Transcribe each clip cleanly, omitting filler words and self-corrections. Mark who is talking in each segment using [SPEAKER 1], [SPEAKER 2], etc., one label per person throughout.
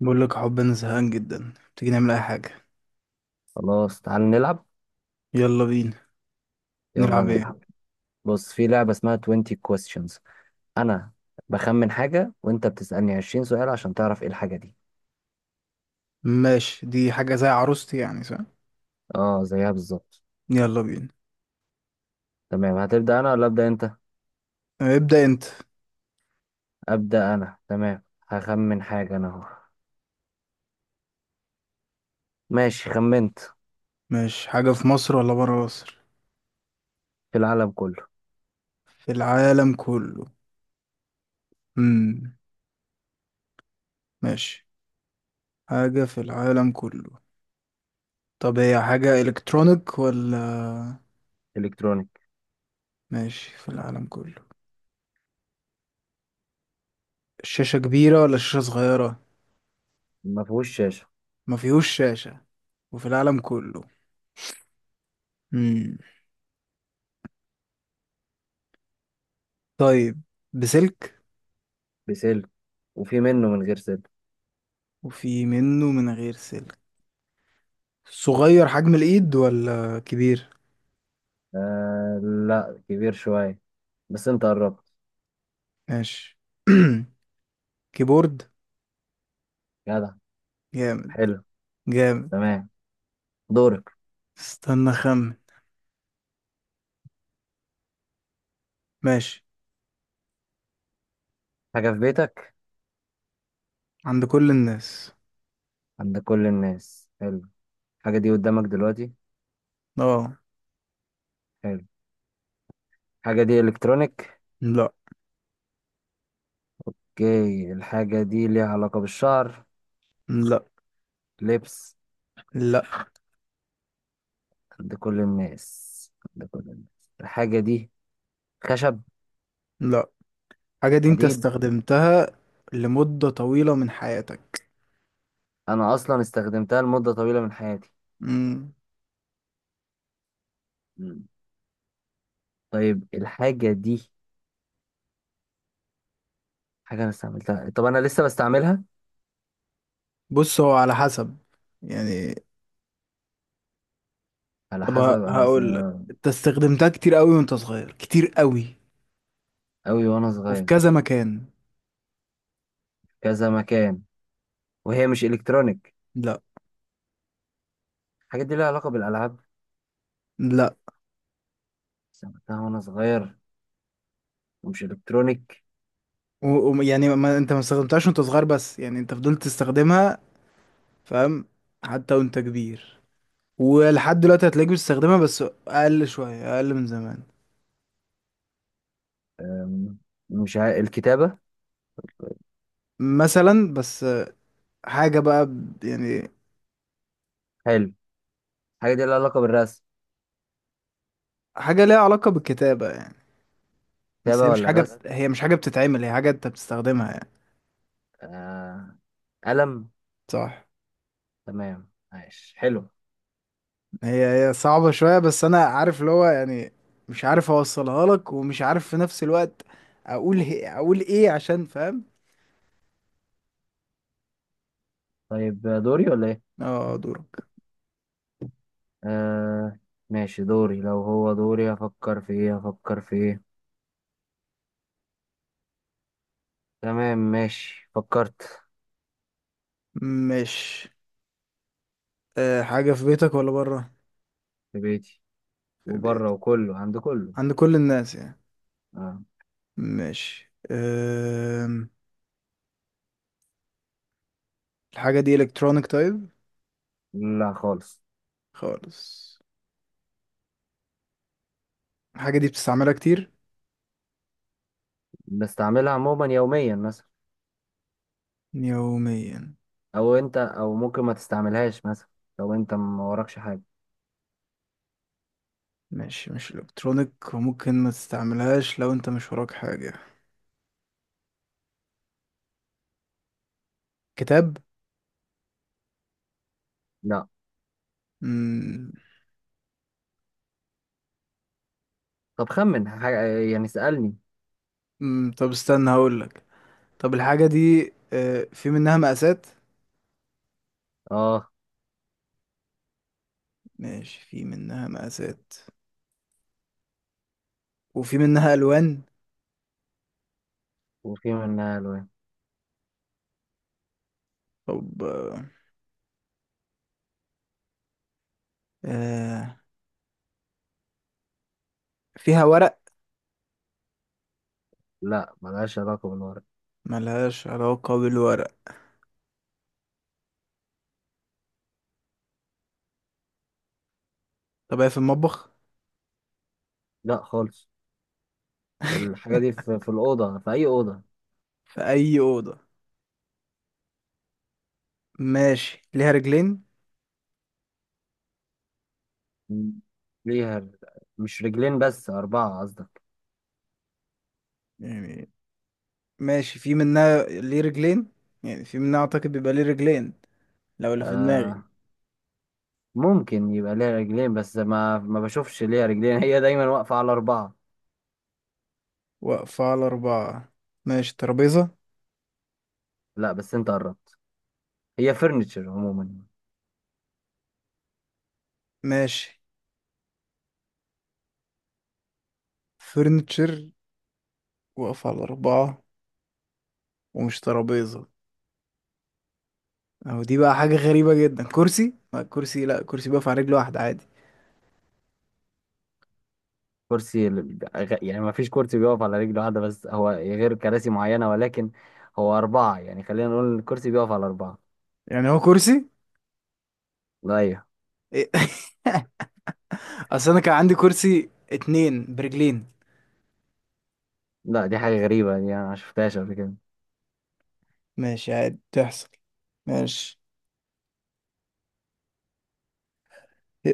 [SPEAKER 1] بقول لك يا حب، انا زهقان جدا. تيجي نعمل اي حاجه؟
[SPEAKER 2] خلاص تعال نلعب.
[SPEAKER 1] يلا بينا.
[SPEAKER 2] يلا
[SPEAKER 1] نلعب
[SPEAKER 2] نلعب.
[SPEAKER 1] ايه؟
[SPEAKER 2] بص، في لعبة اسمها 20 questions. انا بخمن حاجة وانت بتسألني 20 سؤال عشان تعرف ايه الحاجة دي.
[SPEAKER 1] ماشي، دي حاجه زي عروستي يعني، صح؟
[SPEAKER 2] اه زيها بالظبط.
[SPEAKER 1] يلا بينا.
[SPEAKER 2] تمام، هتبدأ انا ولا ابدأ انت؟
[SPEAKER 1] ابدا انت.
[SPEAKER 2] ابدأ انا، تمام. هخمن حاجة انا اهو. ماشي خمنت.
[SPEAKER 1] ماشي. حاجه في مصر ولا بره مصر؟
[SPEAKER 2] في العالم كله.
[SPEAKER 1] في العالم كله. امم ماشي. حاجه في العالم كله. طب هي حاجه الكترونيك ولا؟
[SPEAKER 2] الكترونيك.
[SPEAKER 1] ماشي، في العالم كله. الشاشه كبيره ولا الشاشه صغيره؟
[SPEAKER 2] ما فيهوش شاشة.
[SPEAKER 1] ما فيهوش شاشه. وفي العالم كله. امم طيب. بسلك.
[SPEAKER 2] بسلك وفي منه من غير سلك.
[SPEAKER 1] وفي منه من غير سلك. صغير حجم الايد ولا كبير؟
[SPEAKER 2] آه لا، كبير شوية، بس انت قربت.
[SPEAKER 1] ماشي. كيبورد.
[SPEAKER 2] جدع.
[SPEAKER 1] جامد.
[SPEAKER 2] حلو.
[SPEAKER 1] جامد.
[SPEAKER 2] تمام. دورك.
[SPEAKER 1] استنى، خمن. ماشي.
[SPEAKER 2] حاجة في بيتك.
[SPEAKER 1] عند كل الناس.
[SPEAKER 2] عند كل الناس. حلو. الحاجة دي قدامك دلوقتي.
[SPEAKER 1] اه.
[SPEAKER 2] حلو. الحاجة دي إلكترونيك.
[SPEAKER 1] لا،
[SPEAKER 2] اوكي، الحاجة دي ليها علاقة بالشعر.
[SPEAKER 1] لا،
[SPEAKER 2] لبس.
[SPEAKER 1] لا،
[SPEAKER 2] عند كل الناس، عند كل الناس الحاجة دي. خشب.
[SPEAKER 1] لا. الحاجة دي انت
[SPEAKER 2] حديد.
[SPEAKER 1] استخدمتها لمدة طويلة من حياتك.
[SPEAKER 2] أنا أصلا استخدمتها لمدة طويلة من حياتي.
[SPEAKER 1] مم.
[SPEAKER 2] مم. طيب الحاجة دي حاجة أنا استعملتها، طب أنا لسه بستعملها.
[SPEAKER 1] بص، هو على حسب يعني.
[SPEAKER 2] على
[SPEAKER 1] طب
[SPEAKER 2] حسب أنا بس.
[SPEAKER 1] هقول لك، انت استخدمتها كتير قوي وانت صغير، كتير قوي.
[SPEAKER 2] أوي وأنا
[SPEAKER 1] وفي
[SPEAKER 2] صغير.
[SPEAKER 1] كذا مكان.
[SPEAKER 2] كذا مكان. وهي مش إلكترونيك.
[SPEAKER 1] لا،
[SPEAKER 2] الحاجة دي ليها علاقة بالألعاب.
[SPEAKER 1] لا.
[SPEAKER 2] استعملتها وأنا صغير ومش إلكترونيك.
[SPEAKER 1] و... و... يعني ما... انت ما استخدمتهاش وانت صغير، بس يعني انت فضلت تستخدمها، فاهم؟ حتى وانت كبير. ولحد دلوقتي هتلاقيك بتستخدمها، بس اقل شوية، اقل من زمان.
[SPEAKER 2] مش ع... الكتابة.
[SPEAKER 1] مثلا. بس حاجة بقى يعني،
[SPEAKER 2] حلو. حاجة دي لها علاقة بالرسم.
[SPEAKER 1] حاجة ليها علاقة بالكتابة يعني. بس هي
[SPEAKER 2] كتابة
[SPEAKER 1] مش
[SPEAKER 2] ولا
[SPEAKER 1] حاجة
[SPEAKER 2] رسم؟
[SPEAKER 1] هي مش حاجة بتتعمل، هي حاجة انت بتستخدمها يعني.
[SPEAKER 2] آه... قلم.
[SPEAKER 1] صح.
[SPEAKER 2] تمام ماشي، حلو.
[SPEAKER 1] هي صعبة شوية، بس انا عارف اللي هو يعني، مش عارف اوصلها لك، ومش عارف في نفس الوقت اقول اقول ايه عشان فاهم.
[SPEAKER 2] طيب دوري ولا ايه؟
[SPEAKER 1] اه، دورك.
[SPEAKER 2] آه... ماشي دوري. لو هو دوري هفكر في ايه، هفكر في ايه؟ تمام ماشي فكرت.
[SPEAKER 1] مش. أه حاجة في بيتك ولا بره؟
[SPEAKER 2] في بيتي
[SPEAKER 1] في
[SPEAKER 2] وبره،
[SPEAKER 1] بيتك.
[SPEAKER 2] وكله عند كله.
[SPEAKER 1] عند كل الناس يعني.
[SPEAKER 2] آه.
[SPEAKER 1] ماشي. الحاجة دي الكترونيك؟ طيب.
[SPEAKER 2] لا خالص.
[SPEAKER 1] خالص. الحاجة دي بتستعملها كتير؟
[SPEAKER 2] بستعملها عموما يوميا مثلا.
[SPEAKER 1] يوميا.
[SPEAKER 2] او انت او ممكن ما تستعملهاش مثلا لو انت ما وراكش حاجة.
[SPEAKER 1] ماشي، مش الكترونيك وممكن ما تستعملهاش لو انت مش وراك حاجة. كتاب.
[SPEAKER 2] لا.
[SPEAKER 1] مم.
[SPEAKER 2] طب خمن حاجة، يعني اسألني.
[SPEAKER 1] مم. طب استنى هقولك. طب الحاجة دي في منها مقاسات؟
[SPEAKER 2] اه.
[SPEAKER 1] ماشي، في منها مقاسات. وفي منها ألوان.
[SPEAKER 2] وفي منها الوان.
[SPEAKER 1] طب آه، فيها ورق؟
[SPEAKER 2] لا ملهاش علاقة بالورق.
[SPEAKER 1] ملهاش علاقة بالورق. طب هي في المطبخ؟
[SPEAKER 2] لا خالص. الحاجة دي في الأوضة، في أي أوضة.
[SPEAKER 1] في أي أوضة. ماشي، ليها رجلين؟
[SPEAKER 2] م- ليها. مش رجلين بس، أربعة قصدك؟
[SPEAKER 1] يعني. ماشي، في منها ليه رجلين، يعني في منها اعتقد بيبقى ليه رجلين، لو اللي في دماغي.
[SPEAKER 2] آه، ممكن يبقى ليها رجلين، بس ما بشوفش ليها رجلين، هي دايما واقفة على أربعة.
[SPEAKER 1] واقفة على أربعة. ماشي. ترابيزة.
[SPEAKER 2] لا بس أنت قربت. هي فرنتشر عموما.
[SPEAKER 1] ماشي، فرنتشر، واقفة على أربعة ومش ترابيزة. أهو دي بقى حاجة غريبة جدا. كرسي، ما كرسي، لا، كرسي بيقف على رجل واحدة عادي
[SPEAKER 2] يعني ما فيش كرسي بيقف على رجل واحدة، بس هو غير كراسي معينة ولكن هو أربعة. يعني خلينا نقول الكرسي بيقف على أربعة.
[SPEAKER 1] يعني، هو كرسي؟
[SPEAKER 2] لا أيوه.
[SPEAKER 1] إيه؟ أصل أنا كان عندي كرسي اتنين برجلين.
[SPEAKER 2] لا دي حاجة غريبة، دي أنا ما شفتهاش قبل كده.
[SPEAKER 1] ماشي، عادي تحصل. ماشي.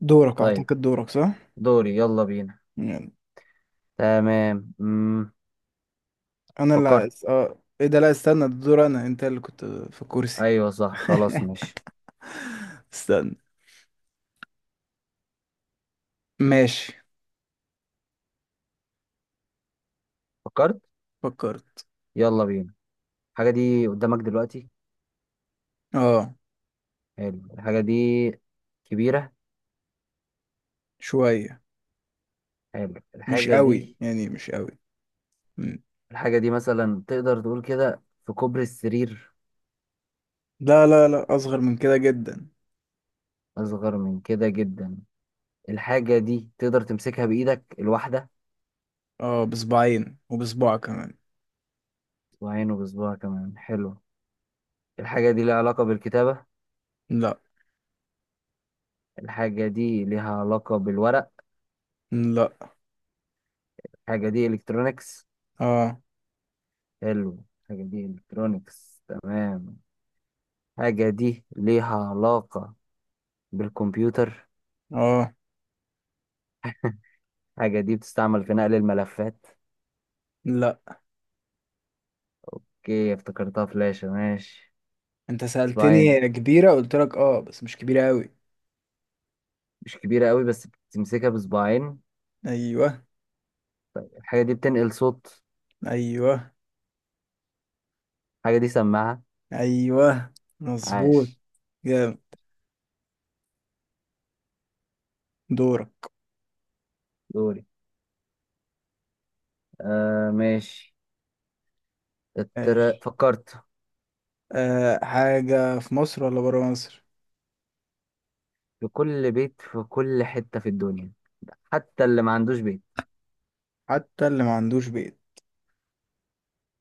[SPEAKER 1] دورك،
[SPEAKER 2] طيب.
[SPEAKER 1] أعتقد دورك صح؟
[SPEAKER 2] دوري يلا بينا.
[SPEAKER 1] يعني
[SPEAKER 2] تمام
[SPEAKER 1] انا اللي
[SPEAKER 2] فكرت.
[SPEAKER 1] اه، ايه ده؟ لا، استنى، ده دور انا، انت اللي كنت في الكرسي.
[SPEAKER 2] ايوه صح خلاص ماشي.
[SPEAKER 1] استنى. ماشي.
[SPEAKER 2] فكرت.
[SPEAKER 1] فكرت.
[SPEAKER 2] يلا بينا. الحاجه دي قدامك دلوقتي.
[SPEAKER 1] اه.
[SPEAKER 2] حلو. الحاجه دي كبيره.
[SPEAKER 1] شوية،
[SPEAKER 2] حلو
[SPEAKER 1] مش
[SPEAKER 2] الحاجه
[SPEAKER 1] قوي
[SPEAKER 2] دي.
[SPEAKER 1] يعني، مش قوي. مم.
[SPEAKER 2] الحاجه دي مثلا تقدر تقول كده في كوبري السرير.
[SPEAKER 1] لا، لا، لا، اصغر من كده جدا.
[SPEAKER 2] اصغر من كده جدا. الحاجه دي تقدر تمسكها بايدك الواحده.
[SPEAKER 1] اه، بصباعين وبصباع كمان.
[SPEAKER 2] وعينه بصباعها كمان، حلو. الحاجه دي ليها علاقه بالكتابه.
[SPEAKER 1] لا.
[SPEAKER 2] الحاجه دي ليها علاقه بالورق.
[SPEAKER 1] لا.
[SPEAKER 2] الحاجه دي الكترونيكس.
[SPEAKER 1] اه.
[SPEAKER 2] حلو، الحاجه دي الكترونيكس تمام. الحاجه دي ليها علاقه بالكمبيوتر.
[SPEAKER 1] اه.
[SPEAKER 2] حاجة دي بتستعمل في نقل الملفات.
[SPEAKER 1] لا.
[SPEAKER 2] اوكي افتكرتها فلاشة ماشي.
[SPEAKER 1] انت
[SPEAKER 2] صباعين.
[SPEAKER 1] سألتني كبيرة، قلت لك اه، بس مش كبيرة قوي.
[SPEAKER 2] مش كبيرة قوي بس بتمسكها بصباعين.
[SPEAKER 1] ايوه.
[SPEAKER 2] الحاجة دي بتنقل صوت.
[SPEAKER 1] ايوه.
[SPEAKER 2] الحاجة دي سماعة.
[SPEAKER 1] ايوه، مظبوط.
[SPEAKER 2] عاش.
[SPEAKER 1] جامد. دورك.
[SPEAKER 2] دوري. آه ماشي.
[SPEAKER 1] ماشي.
[SPEAKER 2] فكرت.
[SPEAKER 1] أه حاجة في مصر ولا برا مصر؟
[SPEAKER 2] في كل بيت، في كل حتة في الدنيا، حتى اللي ما عندوش بيت.
[SPEAKER 1] حتى اللي ما عندوش بيت.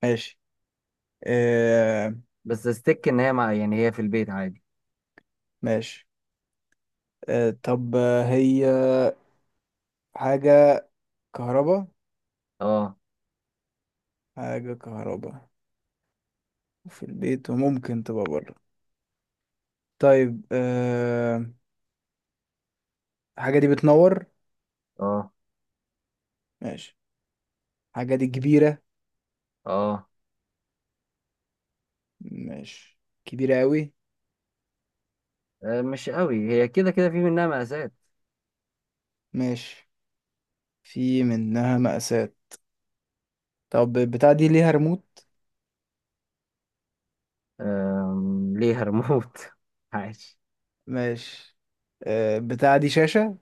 [SPEAKER 1] ماشي. أه.
[SPEAKER 2] بس استك ان هي مع، يعني هي في البيت عادي.
[SPEAKER 1] ماشي. أه، طب هي حاجة كهربا.
[SPEAKER 2] اه.
[SPEAKER 1] حاجة كهربا في البيت وممكن تبقى برا. طيب أه. الحاجة دي بتنور.
[SPEAKER 2] اه.
[SPEAKER 1] ماشي. الحاجة دي كبيرة.
[SPEAKER 2] اه.
[SPEAKER 1] ماشي، كبيرة قوي.
[SPEAKER 2] آه، مش قوي، هي كده كده في منها مقاسات.
[SPEAKER 1] ماشي، في منها مقاسات. طب بتاع دي ليها ريموت.
[SPEAKER 2] ليها ريموت. عاش.
[SPEAKER 1] ماشي. أه، بتاع دي شاشة.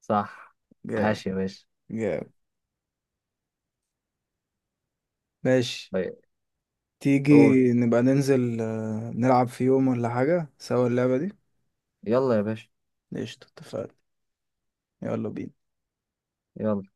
[SPEAKER 2] صح.
[SPEAKER 1] جامد.
[SPEAKER 2] عاش يا باشا.
[SPEAKER 1] جامد. ماشي.
[SPEAKER 2] طيب.
[SPEAKER 1] تيجي
[SPEAKER 2] قول.
[SPEAKER 1] نبقى ننزل نلعب في يوم ولا حاجة سوا اللعبة دي.
[SPEAKER 2] يلا يا باشا.
[SPEAKER 1] قشطة، اتفقنا. يلا بينا.
[SPEAKER 2] يلا.